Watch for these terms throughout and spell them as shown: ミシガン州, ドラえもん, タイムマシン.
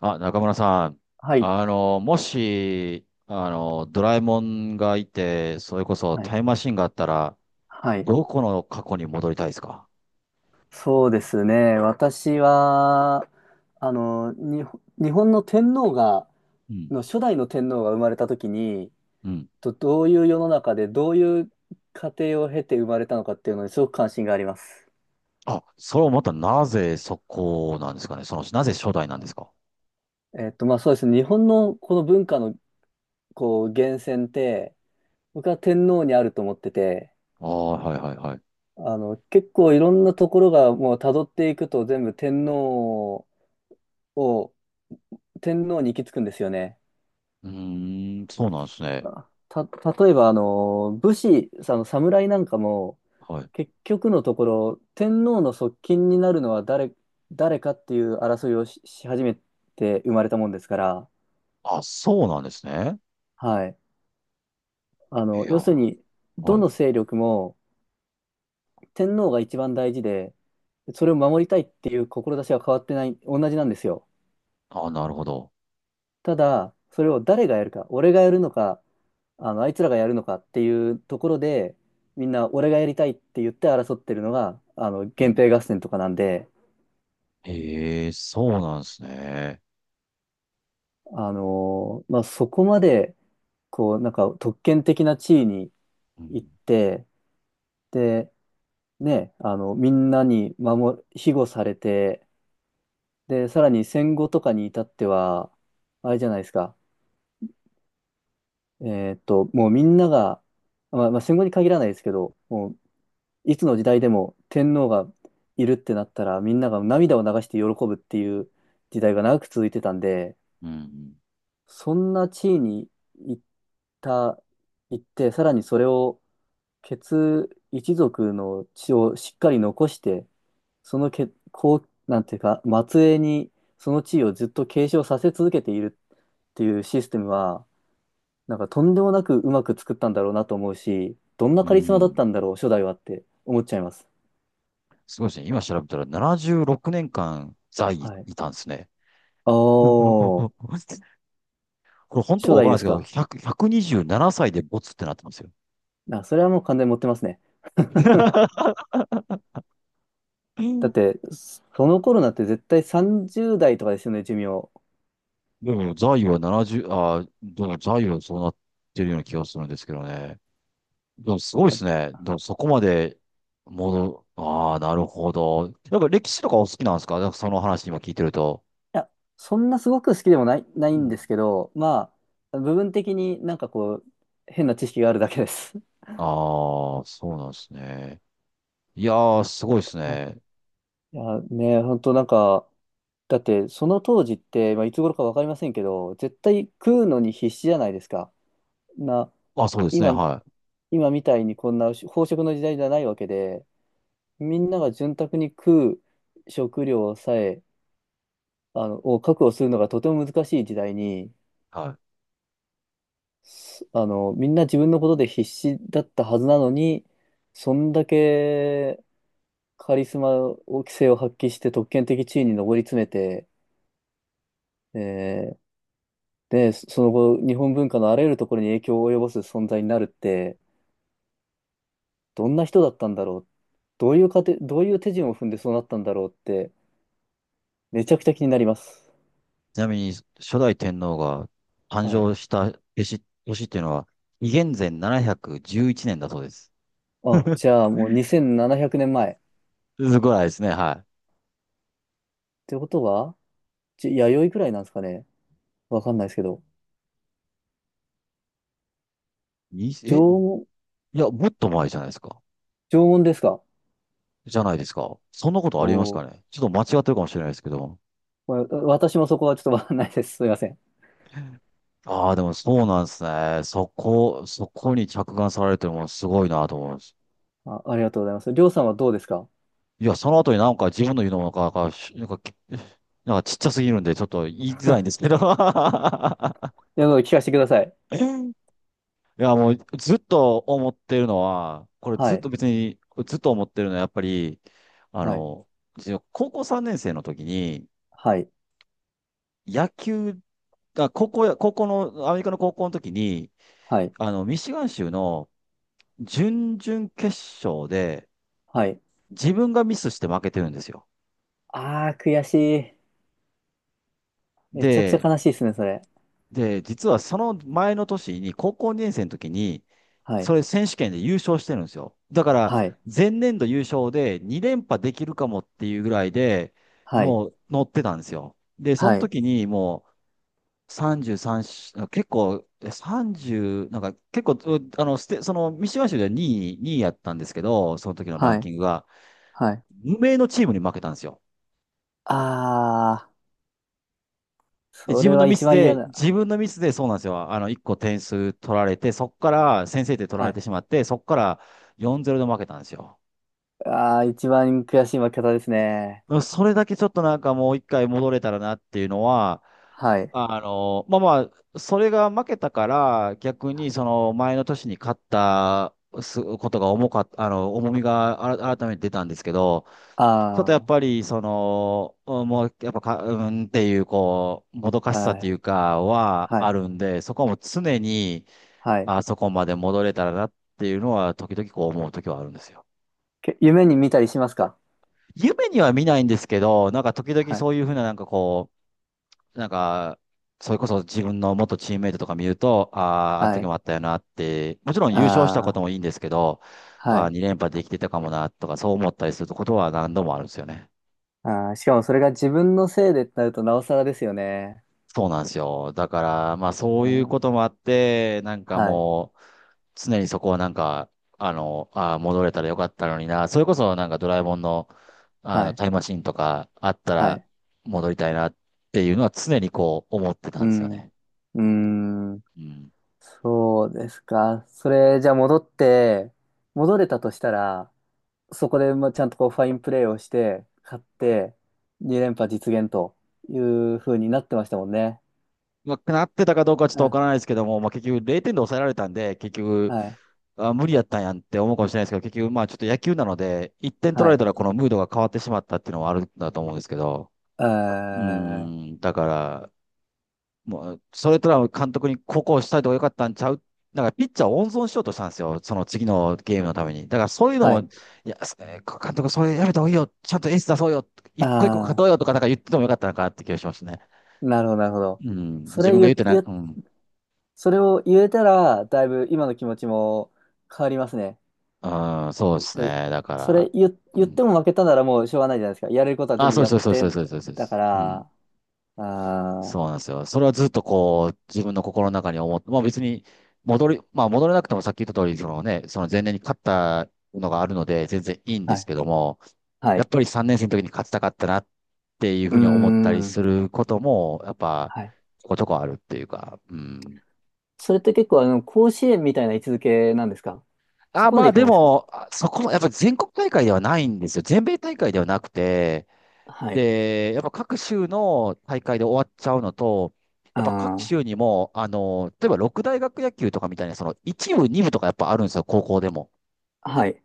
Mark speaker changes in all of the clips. Speaker 1: あ、中村さん。
Speaker 2: はい、
Speaker 1: もし、ドラえもんがいて、それこそ
Speaker 2: はい、
Speaker 1: タイムマシンがあったら、
Speaker 2: はい。
Speaker 1: どこの過去に戻りたいですか？
Speaker 2: そうですね。私は、日本の天皇が、
Speaker 1: うん。
Speaker 2: の初代の天皇が生まれた時に、
Speaker 1: うん。
Speaker 2: とどういう世の中で、どういう過程を経て生まれたのかっていうのにすごく関心があります。
Speaker 1: あ、それをまたなぜそこなんですかね。なぜ初代なんですか？
Speaker 2: まあそうですね。日本のこの文化の、こう、源泉って、僕は天皇にあると思ってて、
Speaker 1: ああ、はいはいはい。
Speaker 2: 結構いろんなところがもう辿っていくと全部天皇を、天皇に行き着くんですよね。
Speaker 1: うーん、そうなんですね。
Speaker 2: あた、例えば、武士、その侍なんかも、
Speaker 1: はい。
Speaker 2: 結局のところ、天皇の側近になるのは誰、誰かっていう争いをし始めて生まれたもんですから、
Speaker 1: あ、そうなんですね。
Speaker 2: はい。
Speaker 1: いや、
Speaker 2: 要する
Speaker 1: は
Speaker 2: に、ど
Speaker 1: い。
Speaker 2: の勢力も天皇が一番大事で、それを守りたいっていう志は変わってない、同じなんですよ。
Speaker 1: あ、なるほど。
Speaker 2: ただ、それを誰がやるか、俺がやるのか、あいつらがやるのかっていうところで、みんな俺がやりたいって言って争ってるのが、
Speaker 1: う
Speaker 2: 源
Speaker 1: ん。
Speaker 2: 平合戦とかなんで、
Speaker 1: へえ、そうなんですね。
Speaker 2: まあ、そこまで、こう、なんか特権的な地位に
Speaker 1: う
Speaker 2: 行
Speaker 1: ん。
Speaker 2: って、で、ね、みんなに庇護されて、で、さらに戦後とかに至っては、あれじゃないですか、えもうみんなが、まあ、まあ戦後に限らないですけど、もういつの時代でも天皇がいるってなったら、みんなが涙を流して喜ぶっていう時代が長く続いてたんで、
Speaker 1: うん。
Speaker 2: そんな地位に行った、行って、さらにそれを、一族の血をしっかり残して、そのけ、こう、なんていうか、末裔にその地位をずっと継承させ続けているっていうシステムは、なんかとんでもなくうまく作ったんだろうなと思うし、どんな
Speaker 1: う
Speaker 2: カリスマだっ
Speaker 1: ん。
Speaker 2: たんだろう、初代はって思っちゃいます。
Speaker 1: すごいですね。今調べたら76年間在位
Speaker 2: はい。
Speaker 1: いたんですね。
Speaker 2: お
Speaker 1: うんうんうんう
Speaker 2: ー、
Speaker 1: ん。これ本当か
Speaker 2: 初
Speaker 1: わか
Speaker 2: 代
Speaker 1: ら
Speaker 2: で
Speaker 1: ないです
Speaker 2: す
Speaker 1: けど、
Speaker 2: か。
Speaker 1: 100 127歳でボツってなってますよ。
Speaker 2: あ、それはもう完全に持ってますね。
Speaker 1: う
Speaker 2: だっ
Speaker 1: ん。
Speaker 2: て、その頃なんて絶対30代とかですよね、寿命。
Speaker 1: でも在位は70、でも在位はそうなってるような気がするんですけどね。でもすごいです
Speaker 2: い
Speaker 1: ね。でもそこまでああ、なるほど。なんか歴史とかお好きなんですか？なんかその話今聞いてると。
Speaker 2: や、そんなすごく好きでもな
Speaker 1: う
Speaker 2: いん
Speaker 1: ん。
Speaker 2: ですけど、まあ、部分的になんかこう、変な知識があるだけです。
Speaker 1: ああ、そうなんですね。いやー、すごいです
Speaker 2: うん、
Speaker 1: ね。
Speaker 2: いや、ね、本当なんか、だってその当時って、まあ、いつ頃かわかりませんけど、絶対食うのに必死じゃないですか。な、
Speaker 1: あ、そうですね。
Speaker 2: 今、
Speaker 1: は
Speaker 2: 今みたいにこんな飽食の時代じゃないわけで、みんなが潤沢に食う食料さえ、を確保するのがとても難しい時代に、
Speaker 1: い。はい。
Speaker 2: すあの、みんな自分のことで必死だったはずなのに、そんだけカリスマを、規制を発揮して特権的地位に上り詰めて、えーで、その後、日本文化のあらゆるところに影響を及ぼす存在になるって、どんな人だったんだろう。どういう過程、どういう手順を踏んでそうなったんだろうって、めちゃくちゃ気になります。
Speaker 1: ちなみに、初代天皇が誕
Speaker 2: はい。
Speaker 1: 生した年っていうのは、紀元前711年だそうです。
Speaker 2: あ、じゃあもう2700年前。っ
Speaker 1: すごいですね、は
Speaker 2: てことは、弥生くらいなんですかね。わかんないですけど。
Speaker 1: い。
Speaker 2: 縄
Speaker 1: い
Speaker 2: 文、
Speaker 1: や、もっと前じゃないですか。
Speaker 2: 縄文ですか？
Speaker 1: じゃないですか。そんなこと
Speaker 2: お
Speaker 1: あります
Speaker 2: お
Speaker 1: か
Speaker 2: ー、
Speaker 1: ね。ちょっと間違ってるかもしれないですけど。
Speaker 2: まあ私もそこはちょっとわかんないです。すいません。
Speaker 1: ああ、でもそうなんですね。そこに着眼されてるものすごいなと思います。
Speaker 2: あ、ありがとうございます。りょうさんはどうですか？
Speaker 1: いや、その後になんか自分の言うのもなんかちっちゃすぎるんで、ちょっと言いづらい んですけど。
Speaker 2: いや、聞かせてください。
Speaker 1: いや、もうずっと思ってるのは、これ
Speaker 2: は
Speaker 1: ずっ
Speaker 2: い、
Speaker 1: と別に、ずっと思ってるのは、やっぱり、あ
Speaker 2: はい、
Speaker 1: の、自分高校3年生の時に、
Speaker 2: はい、
Speaker 1: 野球、あ、高校や、高校の、アメリカの高校の時に、
Speaker 2: はい、
Speaker 1: ミシガン州の準々決勝で、
Speaker 2: はい。
Speaker 1: 自分がミスして負けてるんですよ。
Speaker 2: あー、悔しい。めちゃくちゃ
Speaker 1: で
Speaker 2: 悲しいですね、それ。
Speaker 1: で、実はその前の年に、高校2年生の時に、
Speaker 2: は
Speaker 1: そ
Speaker 2: い、
Speaker 1: れ選手権で優勝してるんですよ。だから、
Speaker 2: はい、
Speaker 1: 前年度優勝で2連覇できるかもっていうぐらいで、
Speaker 2: はい、
Speaker 1: もう乗ってたんですよ。で、その
Speaker 2: はい、
Speaker 1: 時にもう33し、結構、え30、なんか結構、うあの、ステ、その、三島州では2位、2位やったんですけど、その時のラ
Speaker 2: は
Speaker 1: ン
Speaker 2: い、
Speaker 1: キングが、
Speaker 2: はい。
Speaker 1: 無名のチームに負けたんですよ。
Speaker 2: あー、それは一番嫌な。
Speaker 1: 自分のミスでそうなんですよ。あの、1個点数取られて、そこから先制点取ら
Speaker 2: は
Speaker 1: れて
Speaker 2: い。
Speaker 1: しまって、そこから4-0で負けたんですよ。
Speaker 2: ああ、一番悔しい負け方ですね。
Speaker 1: それだけちょっとなんかもう一回戻れたらなっていうのは、
Speaker 2: はい。
Speaker 1: まあまあ、それが負けたから、逆にその前の年に勝ったすことが重かった、あの、重みがあら改めて出たんですけど、ちょっとやっ
Speaker 2: あ
Speaker 1: ぱりその、もうやっぱか、うんっていう、こう、もどか
Speaker 2: あ、
Speaker 1: しさ
Speaker 2: は
Speaker 1: ってい
Speaker 2: い、
Speaker 1: うかは
Speaker 2: は
Speaker 1: あ
Speaker 2: い、
Speaker 1: るんで、そこはもう常に、
Speaker 2: はい。
Speaker 1: あそこまで戻れたらなっていうのは、時々こう思う時はあるんですよ。
Speaker 2: 夢に見たりしますか？
Speaker 1: 夢には見ないんですけど、なんか時々
Speaker 2: はい、
Speaker 1: そういうふうな、なんかこう、なんか、それこそ自分の元チームメイトとか見ると、ああ、あの
Speaker 2: は
Speaker 1: 時も
Speaker 2: い、
Speaker 1: あったよなって、もちろん優勝したこ
Speaker 2: あ
Speaker 1: ともいいんですけど、
Speaker 2: あ、は
Speaker 1: ああ、
Speaker 2: い。
Speaker 1: 2連覇できてたかもなとか、そう思ったりすることは何度もあるんですよね。
Speaker 2: ああ、しかもそれが自分のせいでってなるとなおさらですよね。
Speaker 1: そうなんですよ。だから、まあそ
Speaker 2: う
Speaker 1: ういう
Speaker 2: ん、
Speaker 1: こともあって、なんか
Speaker 2: はい、
Speaker 1: もう、常にそこはなんか、ああ、戻れたらよかったのにな。それこそなんかドラえもんの、
Speaker 2: はい、
Speaker 1: タイムマシンとかあった
Speaker 2: は
Speaker 1: ら
Speaker 2: い。
Speaker 1: 戻りたいなっていうのは常にこう思ってた
Speaker 2: う
Speaker 1: んですよ
Speaker 2: ん、
Speaker 1: ね。
Speaker 2: うん、
Speaker 1: うん。
Speaker 2: そうですか。それ、じゃあ戻って、戻れたとしたら、そこで、まあ、ちゃんとこうファインプレーをして、勝って、2連覇実現という風になってましたもんね。
Speaker 1: まあ、なってたかどうかはちょっ
Speaker 2: う
Speaker 1: とわ
Speaker 2: ん。
Speaker 1: からないですけども、まあ、結局0点で抑えられたんで、結局、
Speaker 2: はい。
Speaker 1: あ、無理やったんやんって思うかもしれないですけど、結局まあちょっと野球なので、1点取
Speaker 2: は
Speaker 1: られ
Speaker 2: い。
Speaker 1: たらこのムードが変わってしまったっていうのはあるんだと思うんですけど、
Speaker 2: え
Speaker 1: う
Speaker 2: ー、
Speaker 1: ん、だから、もう、それとは監督にここをしたいとかよかったんちゃう、だからピッチャーを温存しようとしたんですよ。その次のゲームのために。だからそういうの
Speaker 2: は
Speaker 1: も、い
Speaker 2: い。
Speaker 1: や、監督それやめた方がいいよ。ちゃんとエース出そうよ。一個一個勝と
Speaker 2: あ
Speaker 1: うよ
Speaker 2: あ、
Speaker 1: とかなんか言っててもよかったのかなって気がしますね。
Speaker 2: なるほど、なるほど。
Speaker 1: うん。
Speaker 2: そ
Speaker 1: 自
Speaker 2: れ
Speaker 1: 分が言っ
Speaker 2: 言、
Speaker 1: てない。
Speaker 2: 言、
Speaker 1: うん。
Speaker 2: それを言えたら、だいぶ今の気持ちも変わりますね。
Speaker 1: ああ、そうです
Speaker 2: で、
Speaker 1: ね。だか
Speaker 2: そ
Speaker 1: ら。
Speaker 2: れ言、
Speaker 1: う
Speaker 2: 言って
Speaker 1: ん。
Speaker 2: も負けたならもうしょうがないじゃないですか。やれることは
Speaker 1: あ、
Speaker 2: 全部
Speaker 1: そうで
Speaker 2: やっ
Speaker 1: す、そうで
Speaker 2: て、
Speaker 1: す、そうです、そうです。そうで
Speaker 2: だか
Speaker 1: す。う
Speaker 2: ら、
Speaker 1: ん。
Speaker 2: ああ、
Speaker 1: そうなんですよ。それはずっとこう、自分の心の中に思って、まあ別にまあ戻れなくてもさっき言った通り、そのね、その前年に勝ったのがあるので、全然いいんで
Speaker 2: は
Speaker 1: す
Speaker 2: い。
Speaker 1: けども、
Speaker 2: は
Speaker 1: やっ
Speaker 2: い。
Speaker 1: ぱり3年生の時に勝ちたかったなっていう
Speaker 2: う
Speaker 1: ふ
Speaker 2: ー
Speaker 1: うに思ったり
Speaker 2: ん。
Speaker 1: することも、やっぱ、
Speaker 2: はい。
Speaker 1: ちょこちょこあるっていうか、うん。
Speaker 2: それって結構あの、甲子園みたいな位置づけなんですか？そ
Speaker 1: あ、
Speaker 2: こま
Speaker 1: ま
Speaker 2: で
Speaker 1: あ
Speaker 2: いか
Speaker 1: で
Speaker 2: ないですか？
Speaker 1: も、あそこも、やっぱ全国大会ではないんですよ。全米大会ではなくて、
Speaker 2: はい。
Speaker 1: で、やっぱ各州の大会で終わっちゃうのと、やっぱ各
Speaker 2: あ
Speaker 1: 州にも、例えば六大学野球とかみたいな、その一部、二部とかやっぱあるんですよ、高校でも。
Speaker 2: あ、はい。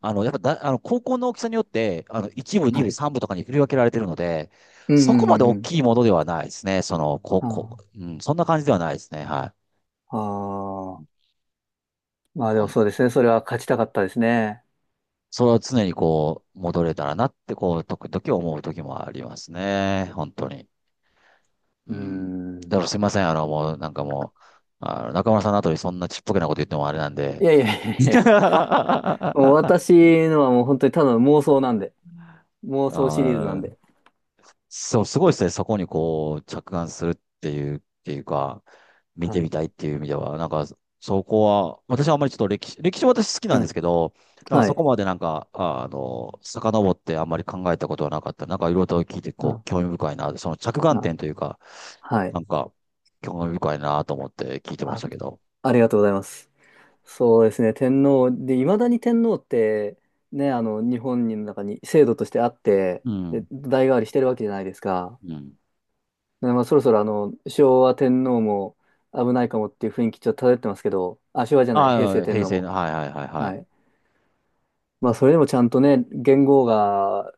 Speaker 1: あの、やっぱだ、あの、高校の大きさによって、一部、二
Speaker 2: は
Speaker 1: 部、
Speaker 2: い。
Speaker 1: 三部とかに振り分けられてるので、
Speaker 2: うん、う
Speaker 1: そこまで
Speaker 2: ん、
Speaker 1: 大
Speaker 2: うん。
Speaker 1: きいものではないですね、その、高
Speaker 2: う
Speaker 1: 校、
Speaker 2: ん、
Speaker 1: うん、そんな感じではないですね、はい。
Speaker 2: あー、あ、まあで
Speaker 1: ほ
Speaker 2: も
Speaker 1: ん
Speaker 2: そうですね。それは勝ちたかったですね。
Speaker 1: それは常にこう、戻れたらなって、こう、時々思う時もありますね、本当に。
Speaker 2: う
Speaker 1: う
Speaker 2: ー
Speaker 1: ん。だか
Speaker 2: ん。
Speaker 1: らすいません。もう、なんかもう、中村さんの後にそんなちっぽけなこと言ってもあれなん
Speaker 2: い
Speaker 1: で、
Speaker 2: やいやいやいや いや。もう
Speaker 1: あ
Speaker 2: 私のはもう本当にただの妄想なんで。妄想シリーズなん
Speaker 1: ー、
Speaker 2: で。
Speaker 1: そう、すごいですね。そこにこう、着眼するっていう、っていうか、見
Speaker 2: は
Speaker 1: て
Speaker 2: い。
Speaker 1: みたいっていう意味では、なんか、そこは、私はあんまりちょっと歴史は私好きな
Speaker 2: う
Speaker 1: んです
Speaker 2: ん。
Speaker 1: けど、なんか
Speaker 2: は
Speaker 1: そこ
Speaker 2: い。
Speaker 1: までなんか、遡ってあんまり考えたことはなかった。なんかいろいろと聞いて、
Speaker 2: う
Speaker 1: こ
Speaker 2: ん。
Speaker 1: う、興味深いな、その着眼
Speaker 2: あ、
Speaker 1: 点というか、
Speaker 2: はい。
Speaker 1: なんか、興味深いなと思って聞いてまし
Speaker 2: あ、
Speaker 1: たけど。
Speaker 2: ありがとうございます。そうですね、天皇。で、いまだに天皇って、ね、日本の中に制度としてあって、
Speaker 1: う
Speaker 2: で、
Speaker 1: ん。
Speaker 2: 代替わりしてるわけじゃないですか。
Speaker 1: うん。
Speaker 2: でまあ、そろそろ、昭和天皇も危ないかもっていう雰囲気ちょっと漂ってますけど、あ、昭和じゃない、平
Speaker 1: あ
Speaker 2: 成
Speaker 1: あ、
Speaker 2: 天
Speaker 1: 平
Speaker 2: 皇
Speaker 1: 成の、
Speaker 2: も。
Speaker 1: はいはいはいは
Speaker 2: は
Speaker 1: い。
Speaker 2: い。まあ、それでもちゃんとね、元号が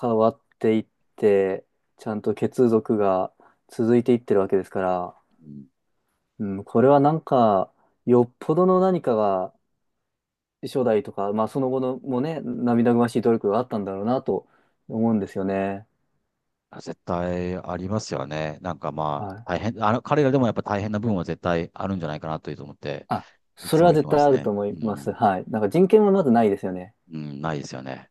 Speaker 2: 変わっていって、ちゃんと血族が続いていってるわけですから、
Speaker 1: うん。
Speaker 2: うん、これはなんか、よっぽどの何かが初代とか、まあその後のもね、涙ぐましい努力があったんだろうなと思うんですよね。
Speaker 1: あ、絶対ありますよね。なんかま
Speaker 2: はい。
Speaker 1: あ、大変、彼らでもやっぱ大変な部分は絶対あるんじゃないかなというと思って、
Speaker 2: あ、
Speaker 1: い
Speaker 2: そ
Speaker 1: つ
Speaker 2: れ
Speaker 1: も
Speaker 2: は
Speaker 1: 見て
Speaker 2: 絶
Speaker 1: ま
Speaker 2: 対
Speaker 1: す
Speaker 2: あると
Speaker 1: ね。
Speaker 2: 思
Speaker 1: う
Speaker 2: います。
Speaker 1: ん。
Speaker 2: はい。なんか人権はまずないですよね。
Speaker 1: うん、ないですよね。